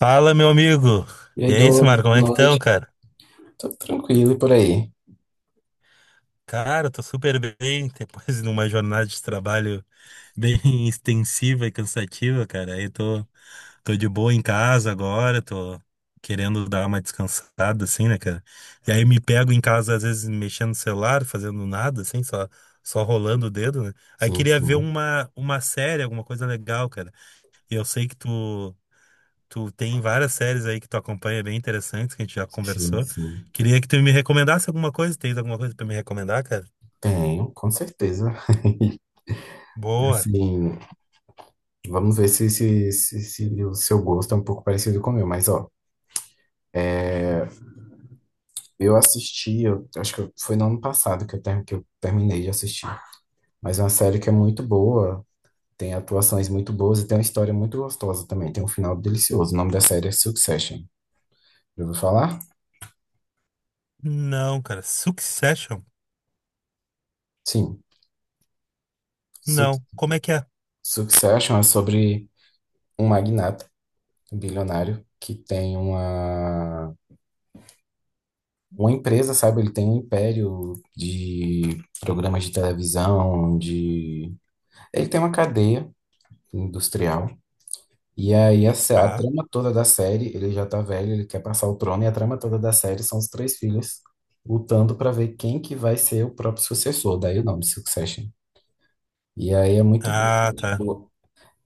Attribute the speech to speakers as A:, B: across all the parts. A: Fala, meu amigo.
B: E aí,
A: E é isso,
B: dou
A: Marco, como é que
B: boa
A: estão,
B: noite.
A: cara?
B: Tô tranquilo e por aí.
A: Cara, eu tô super bem, depois de uma jornada de trabalho bem extensiva e cansativa, cara. Tô de boa em casa agora, tô querendo dar uma descansada, assim, né, cara? E aí me pego em casa, às vezes, mexendo no celular, fazendo nada, assim, só rolando o dedo, né? Aí
B: Sim,
A: queria ver
B: sim.
A: uma série, alguma coisa legal, cara. E eu sei que tu. Tu tem várias séries aí que tu acompanha bem interessantes, que a gente já
B: Sim,
A: conversou.
B: sim.
A: Queria que tu me recomendasse alguma coisa. Tens alguma coisa pra me recomendar, cara?
B: Tenho, com certeza.
A: Boa.
B: Assim, vamos ver se o seu gosto é um pouco parecido com o meu, mas ó, é, eu assisti, eu, acho que foi no ano passado que que eu terminei de assistir. Mas é uma série que é muito boa, tem atuações muito boas e tem uma história muito gostosa também, tem um final delicioso. O nome da série é Succession. Já ouviu falar?
A: Não, cara. Succession?
B: Sim. Su-
A: Não. Como é que é?
B: Succession é sobre um magnata. Um bilionário que tem uma empresa, sabe? Ele tem um império de programas de televisão, de... Ele tem uma cadeia industrial. E aí a
A: Tá.
B: trama toda da série, ele já tá velho, ele quer passar o trono, e a trama toda da série são os três filhos lutando para ver quem que vai ser o próprio sucessor, daí o nome Succession. E aí é muito bom,
A: Ah, tá.
B: tipo,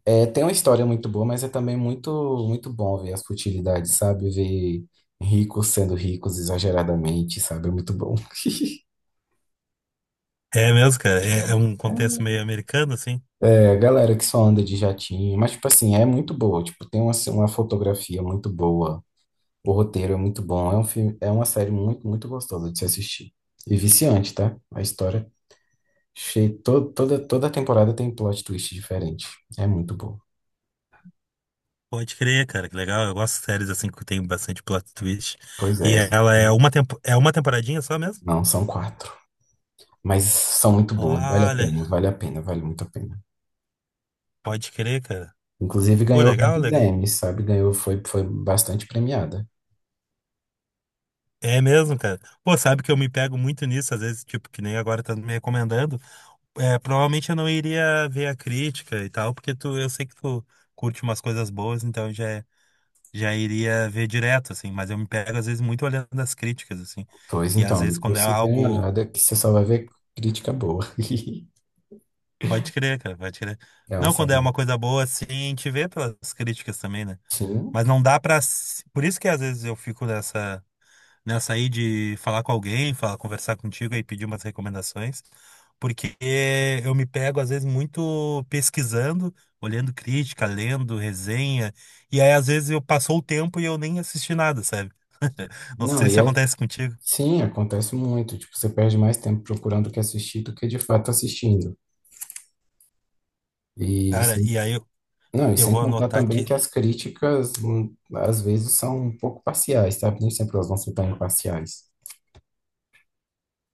B: é, tem uma história muito boa, mas é também muito bom ver as futilidades, sabe? Ver ricos sendo ricos exageradamente, sabe? É muito bom.
A: É mesmo, cara. É, é um contexto meio americano, assim.
B: É, galera que só anda de jatinho, mas, tipo assim, é muito boa. Tipo, tem uma fotografia muito boa, o roteiro é muito bom. É um filme, é uma série muito gostosa de se assistir. E viciante, tá? A história. Toda temporada tem plot twist diferente. É muito bom.
A: Pode crer, cara. Que legal. Eu gosto de séries assim que tem bastante plot twist.
B: Pois
A: E
B: é.
A: ela é uma, tempo... é uma temporadinha só mesmo?
B: Não, são quatro. Mas são muito boas. Vale a
A: Olha,
B: pena, vale a pena, vale muito a pena.
A: pode crer, cara.
B: Inclusive
A: Pô,
B: ganhou
A: legal,
B: vários
A: legal.
B: Emmys, sabe? Ganhou, foi bastante premiada.
A: É mesmo, cara. Pô, sabe que eu me pego muito nisso, às vezes, tipo, que nem agora tá me recomendando. É, provavelmente eu não iria ver a crítica e tal, porque tu, eu sei que tu curte umas coisas boas, então eu já iria ver direto, assim, mas eu me pego às vezes muito olhando as críticas, assim.
B: Pois
A: E às
B: então,
A: vezes quando
B: depois
A: é
B: você dá uma
A: algo,
B: olhada que você só vai ver crítica boa.
A: pode crer, cara, pode crer.
B: É uma
A: Não, quando é uma
B: série.
A: coisa boa, assim, a gente vê pelas críticas também, né?
B: Sim.
A: Mas não dá pra. Por isso que às vezes eu fico nessa Eu de falar com alguém, falar, conversar contigo e pedir umas recomendações, porque eu me pego às vezes muito pesquisando, olhando crítica, lendo resenha, e aí às vezes eu passou o tempo e eu nem assisti nada, sabe? Não
B: Não,
A: sei
B: e
A: se
B: é.
A: acontece contigo.
B: Sim, acontece muito. Tipo, você perde mais tempo procurando o que assistir do que de fato assistindo. E
A: Cara,
B: sim.
A: e aí
B: Não, e
A: eu
B: sem
A: vou
B: contar
A: anotar
B: também
A: aqui.
B: que as críticas às vezes são um pouco parciais, sabe? Nem sempre elas vão ser tão imparciais.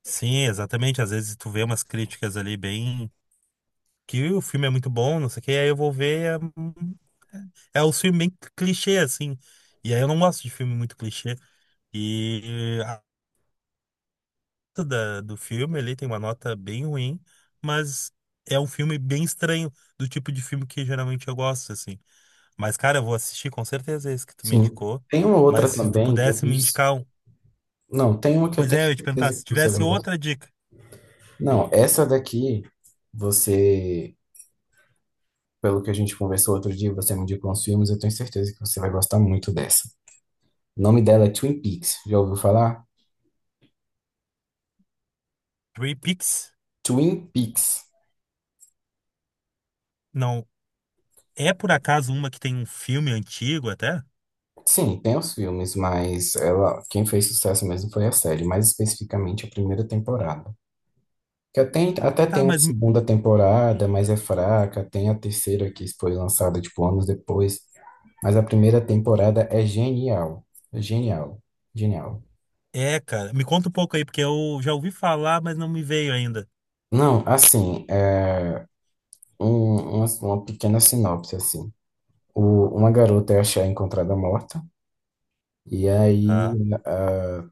A: Sim, exatamente, às vezes tu vê umas críticas ali bem que o filme é muito bom, não sei o que, aí eu vou ver é o filme bem clichê assim. E aí eu não gosto de filme muito clichê. E do filme ali, tem uma nota bem ruim, mas é um filme bem estranho, do tipo de filme que geralmente eu gosto, assim. Mas, cara, eu vou assistir com certeza é esse que tu me
B: Sim.
A: indicou.
B: Tem uma outra
A: Mas se tu
B: também que eu
A: pudesse
B: tenho.
A: me indicar um.
B: Não, tem uma que eu
A: Pois
B: tenho
A: é, eu ia te perguntar,
B: certeza
A: se
B: que você vai.
A: tivesse outra dica,
B: Não, essa daqui, você, pelo que a gente conversou outro dia, você me indicou uns filmes, eu tenho certeza que você vai gostar muito dessa. O nome dela é Twin Peaks, já ouviu falar?
A: Three Peaks,
B: Twin Peaks.
A: não. É por acaso uma que tem um filme antigo até?
B: Sim, tem os filmes, mas ela, quem fez sucesso mesmo foi a série, mais especificamente a primeira temporada. Que até tem
A: Tá,
B: uma
A: mas me-
B: segunda temporada, mas é fraca, tem a terceira que foi lançada, tipo, anos depois, mas a primeira temporada é genial. É genial, genial.
A: é, cara, me conta um pouco aí, porque eu já ouvi falar, mas não me veio ainda.
B: Não, assim, uma pequena sinopse, assim. Uma garota é achar encontrada morta, e aí
A: Tá,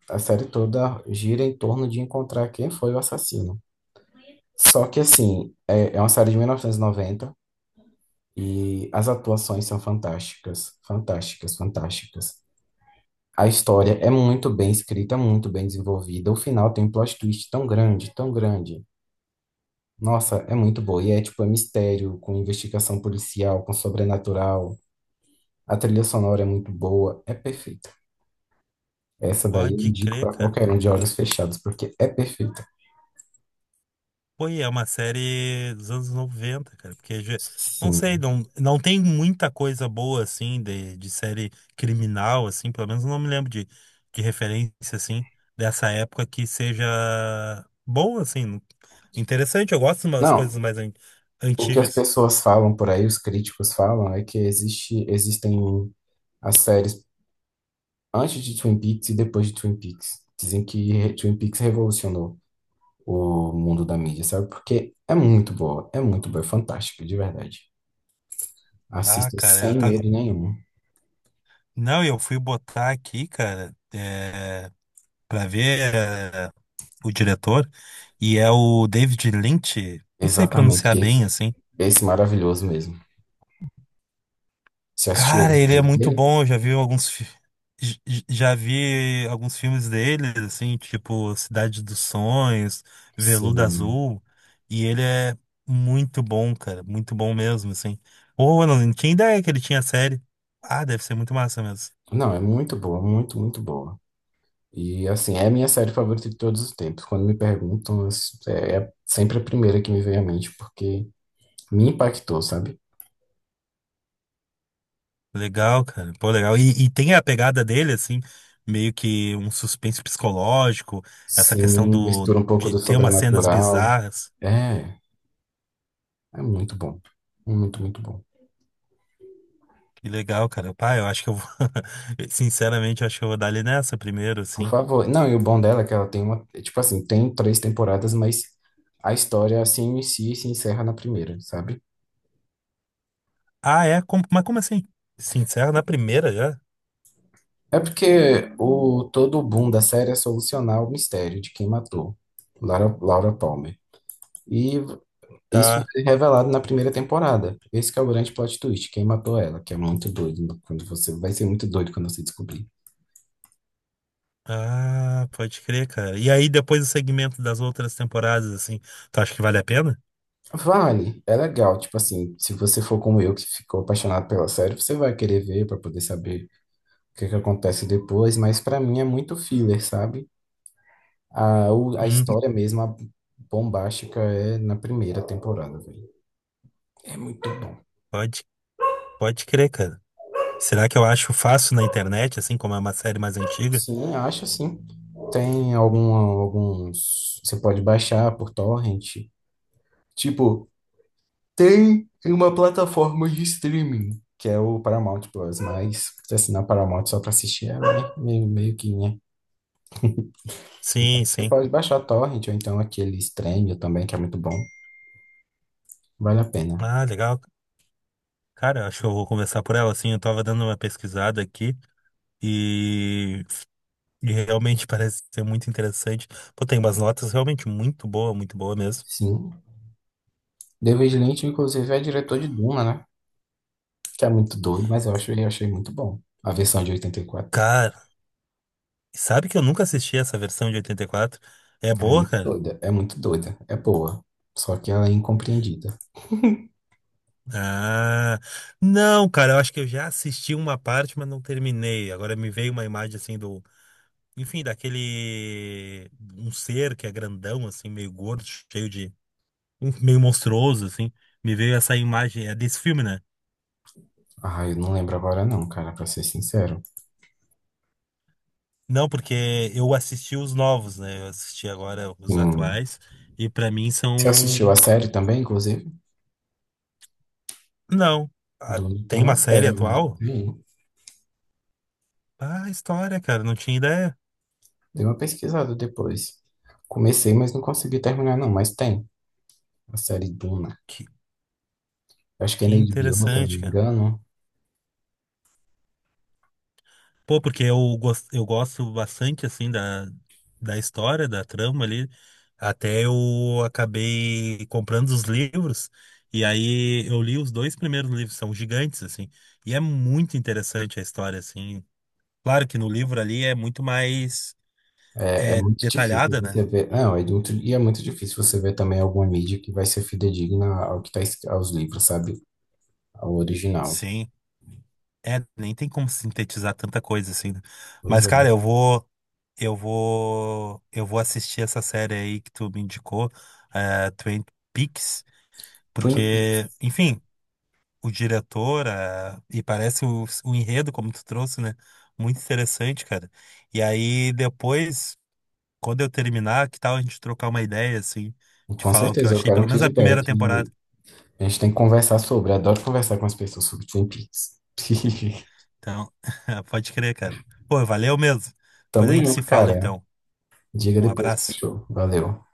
B: a série toda gira em torno de encontrar quem foi o assassino. Só que, assim, é uma série de 1990 e noventa e as atuações são fantásticas, fantásticas, fantásticas. A história é muito bem escrita, muito bem desenvolvida. O final tem um plot twist tão grande, tão grande. Nossa, é muito boa. E é tipo, é mistério, com investigação policial, com sobrenatural. A trilha sonora é muito boa, é perfeita. Essa daí eu
A: pode
B: indico
A: crer,
B: pra
A: cara.
B: qualquer um de olhos fechados, porque é perfeita.
A: Pô, e é uma série dos anos 90 cara, porque já- não sei,
B: Sim.
A: não tem muita coisa boa assim de série criminal assim, pelo menos eu não me lembro de referência assim dessa época que seja boa assim, interessante, eu gosto de umas
B: Não,
A: coisas mais
B: o que as
A: antigas.
B: pessoas falam por aí, os críticos falam, é que existem as séries antes de Twin Peaks e depois de Twin Peaks. Dizem que Twin Peaks revolucionou o mundo da mídia, sabe? Porque é muito boa, é muito boa, é fantástica, de verdade.
A: Ah,
B: Assista
A: cara, eu
B: sem
A: tava
B: medo nenhum.
A: Não, eu fui botar aqui, cara, é... para ver é, o diretor e é o David Lynch, não sei
B: Exatamente
A: pronunciar bem
B: esse,
A: assim.
B: esse maravilhoso mesmo. Você assistiu
A: Cara,
B: o
A: ele é
B: filme
A: muito
B: dele?
A: bom, eu já vi alguns fi- j- j- já vi alguns filmes dele, assim, tipo Cidade dos Sonhos, Veludo
B: Sim.
A: Azul, e ele é muito bom, cara, muito bom mesmo, assim. Pô, eu não tinha ideia que ele tinha série. Ah, deve ser muito massa mesmo.
B: Não, é muito boa, muito, muito boa. E assim, é a minha série favorita de todos os tempos. Quando me perguntam, é sempre a primeira que me vem à mente, porque me impactou, sabe?
A: Legal, cara. Pô, legal. E tem a pegada dele, assim, meio que um suspense psicológico, essa questão
B: Sim,
A: do
B: mistura um pouco
A: de
B: do
A: ter umas cenas
B: sobrenatural.
A: bizarras.
B: É, é muito bom. Muito, muito bom.
A: Que legal, cara. Pai, eu acho que eu vou. Sinceramente, eu acho que eu vou dar ali nessa primeiro,
B: Por
A: assim.
B: favor. Não, e o bom dela é que ela tem uma. É, tipo assim, tem três temporadas, mas a história assim inicia e se encerra na primeira, sabe?
A: Ah, é? Como- Mas como assim? Sincero, na primeira já?
B: É porque o todo o boom da série é solucionar o mistério de quem matou Laura, Laura Palmer. E isso
A: Tá.
B: foi revelado na primeira temporada. Esse que é o grande plot twist, quem matou ela, que é muito doido quando você descobrir.
A: Ah, pode crer, cara. E aí depois o segmento das outras temporadas, assim. Tu acha que vale a pena?
B: Vale, é legal, tipo assim, se você for como eu que ficou apaixonado pela série, você vai querer ver para poder saber o que que acontece depois, mas para mim é muito filler, sabe? A
A: Hum,
B: história mesmo, a bombástica é na primeira temporada, velho. É muito bom.
A: pode, pode crer, cara. Será que eu acho fácil na internet, assim, como é uma série mais antiga?
B: Sim, acho sim. Alguns. Você pode baixar por torrent. Tipo, tem uma plataforma de streaming, que é o Paramount Plus, mas se assinar Paramount só pra assistir ela, é meio que, né? Então,
A: Sim,
B: você
A: sim.
B: pode baixar a Torrent, ou então aquele Stremio também, que é muito bom. Vale a pena.
A: Ah, legal. Cara, eu acho que eu vou conversar por ela, assim. Eu tava dando uma pesquisada aqui. E E realmente parece ser muito interessante. Pô, tem umas notas realmente muito boa mesmo.
B: Sim. David Lynch, inclusive, é diretor de Duna, né? Que é muito doido, mas eu acho, eu achei muito bom. A versão de 84.
A: Cara, sabe que eu nunca assisti essa versão de 84. É
B: É
A: boa,
B: muito
A: cara?
B: doida, é muito doida. É boa. Só que ela é incompreendida.
A: Ah, não, cara, eu acho que eu já assisti uma parte, mas não terminei. Agora me veio uma imagem assim do, enfim, daquele um ser que é grandão assim, meio gordo, cheio de meio monstruoso assim. Me veio essa imagem, é desse filme, né?
B: Ah, eu não lembro agora não, cara, pra ser sincero.
A: Não, porque eu assisti os novos, né? Eu assisti agora os
B: Hum.
A: atuais e pra mim
B: Você assistiu
A: são
B: a série também, inclusive?
A: não. Ah,
B: Duna tem
A: Tem
B: uma
A: uma
B: série
A: série
B: agora.
A: atual?
B: Tem.
A: Ah, história, cara, não tinha ideia.
B: Dei uma pesquisada depois. Comecei, mas não consegui terminar, não. Mas tem a série Duna.
A: Que,
B: Eu acho que é
A: que
B: na HBO, se eu não me
A: interessante, cara.
B: engano.
A: Pô, porque eu gosto bastante assim da história, da trama ali. Até eu acabei comprando os livros e aí eu li os dois primeiros livros, são gigantes assim. E é muito interessante a história assim. Claro que no livro ali é muito mais
B: É, é
A: é
B: muito difícil
A: detalhada, né?
B: você ver. Não, é muito, e é muito difícil você ver também alguma mídia que vai ser fidedigna ao que tá, aos livros, sabe? Ao original.
A: Sim. É, nem tem como sintetizar tanta coisa assim, né?
B: Pois
A: Mas,
B: é.
A: cara, eu vou, eu vou, eu vou assistir essa série aí que tu me indicou, é, Twin Peaks,
B: Twin
A: porque,
B: Peaks.
A: enfim, o diretor, é, e parece o enredo, como tu trouxe, né? Muito interessante, cara. E aí, depois, quando eu terminar, que tal a gente trocar uma ideia, assim, de
B: Com
A: falar o que eu
B: certeza, eu
A: achei,
B: quero
A: pelo
B: um
A: menos a primeira
B: feedback.
A: temporada.
B: E a gente tem que conversar sobre. Adoro conversar com as pessoas sobre Twin Peaks.
A: Então, pode crer, cara. Pô, valeu mesmo. Depois
B: Tamo
A: a gente se
B: junto,
A: fala,
B: cara.
A: então.
B: Diga
A: Um
B: depois que
A: abraço.
B: show. Valeu.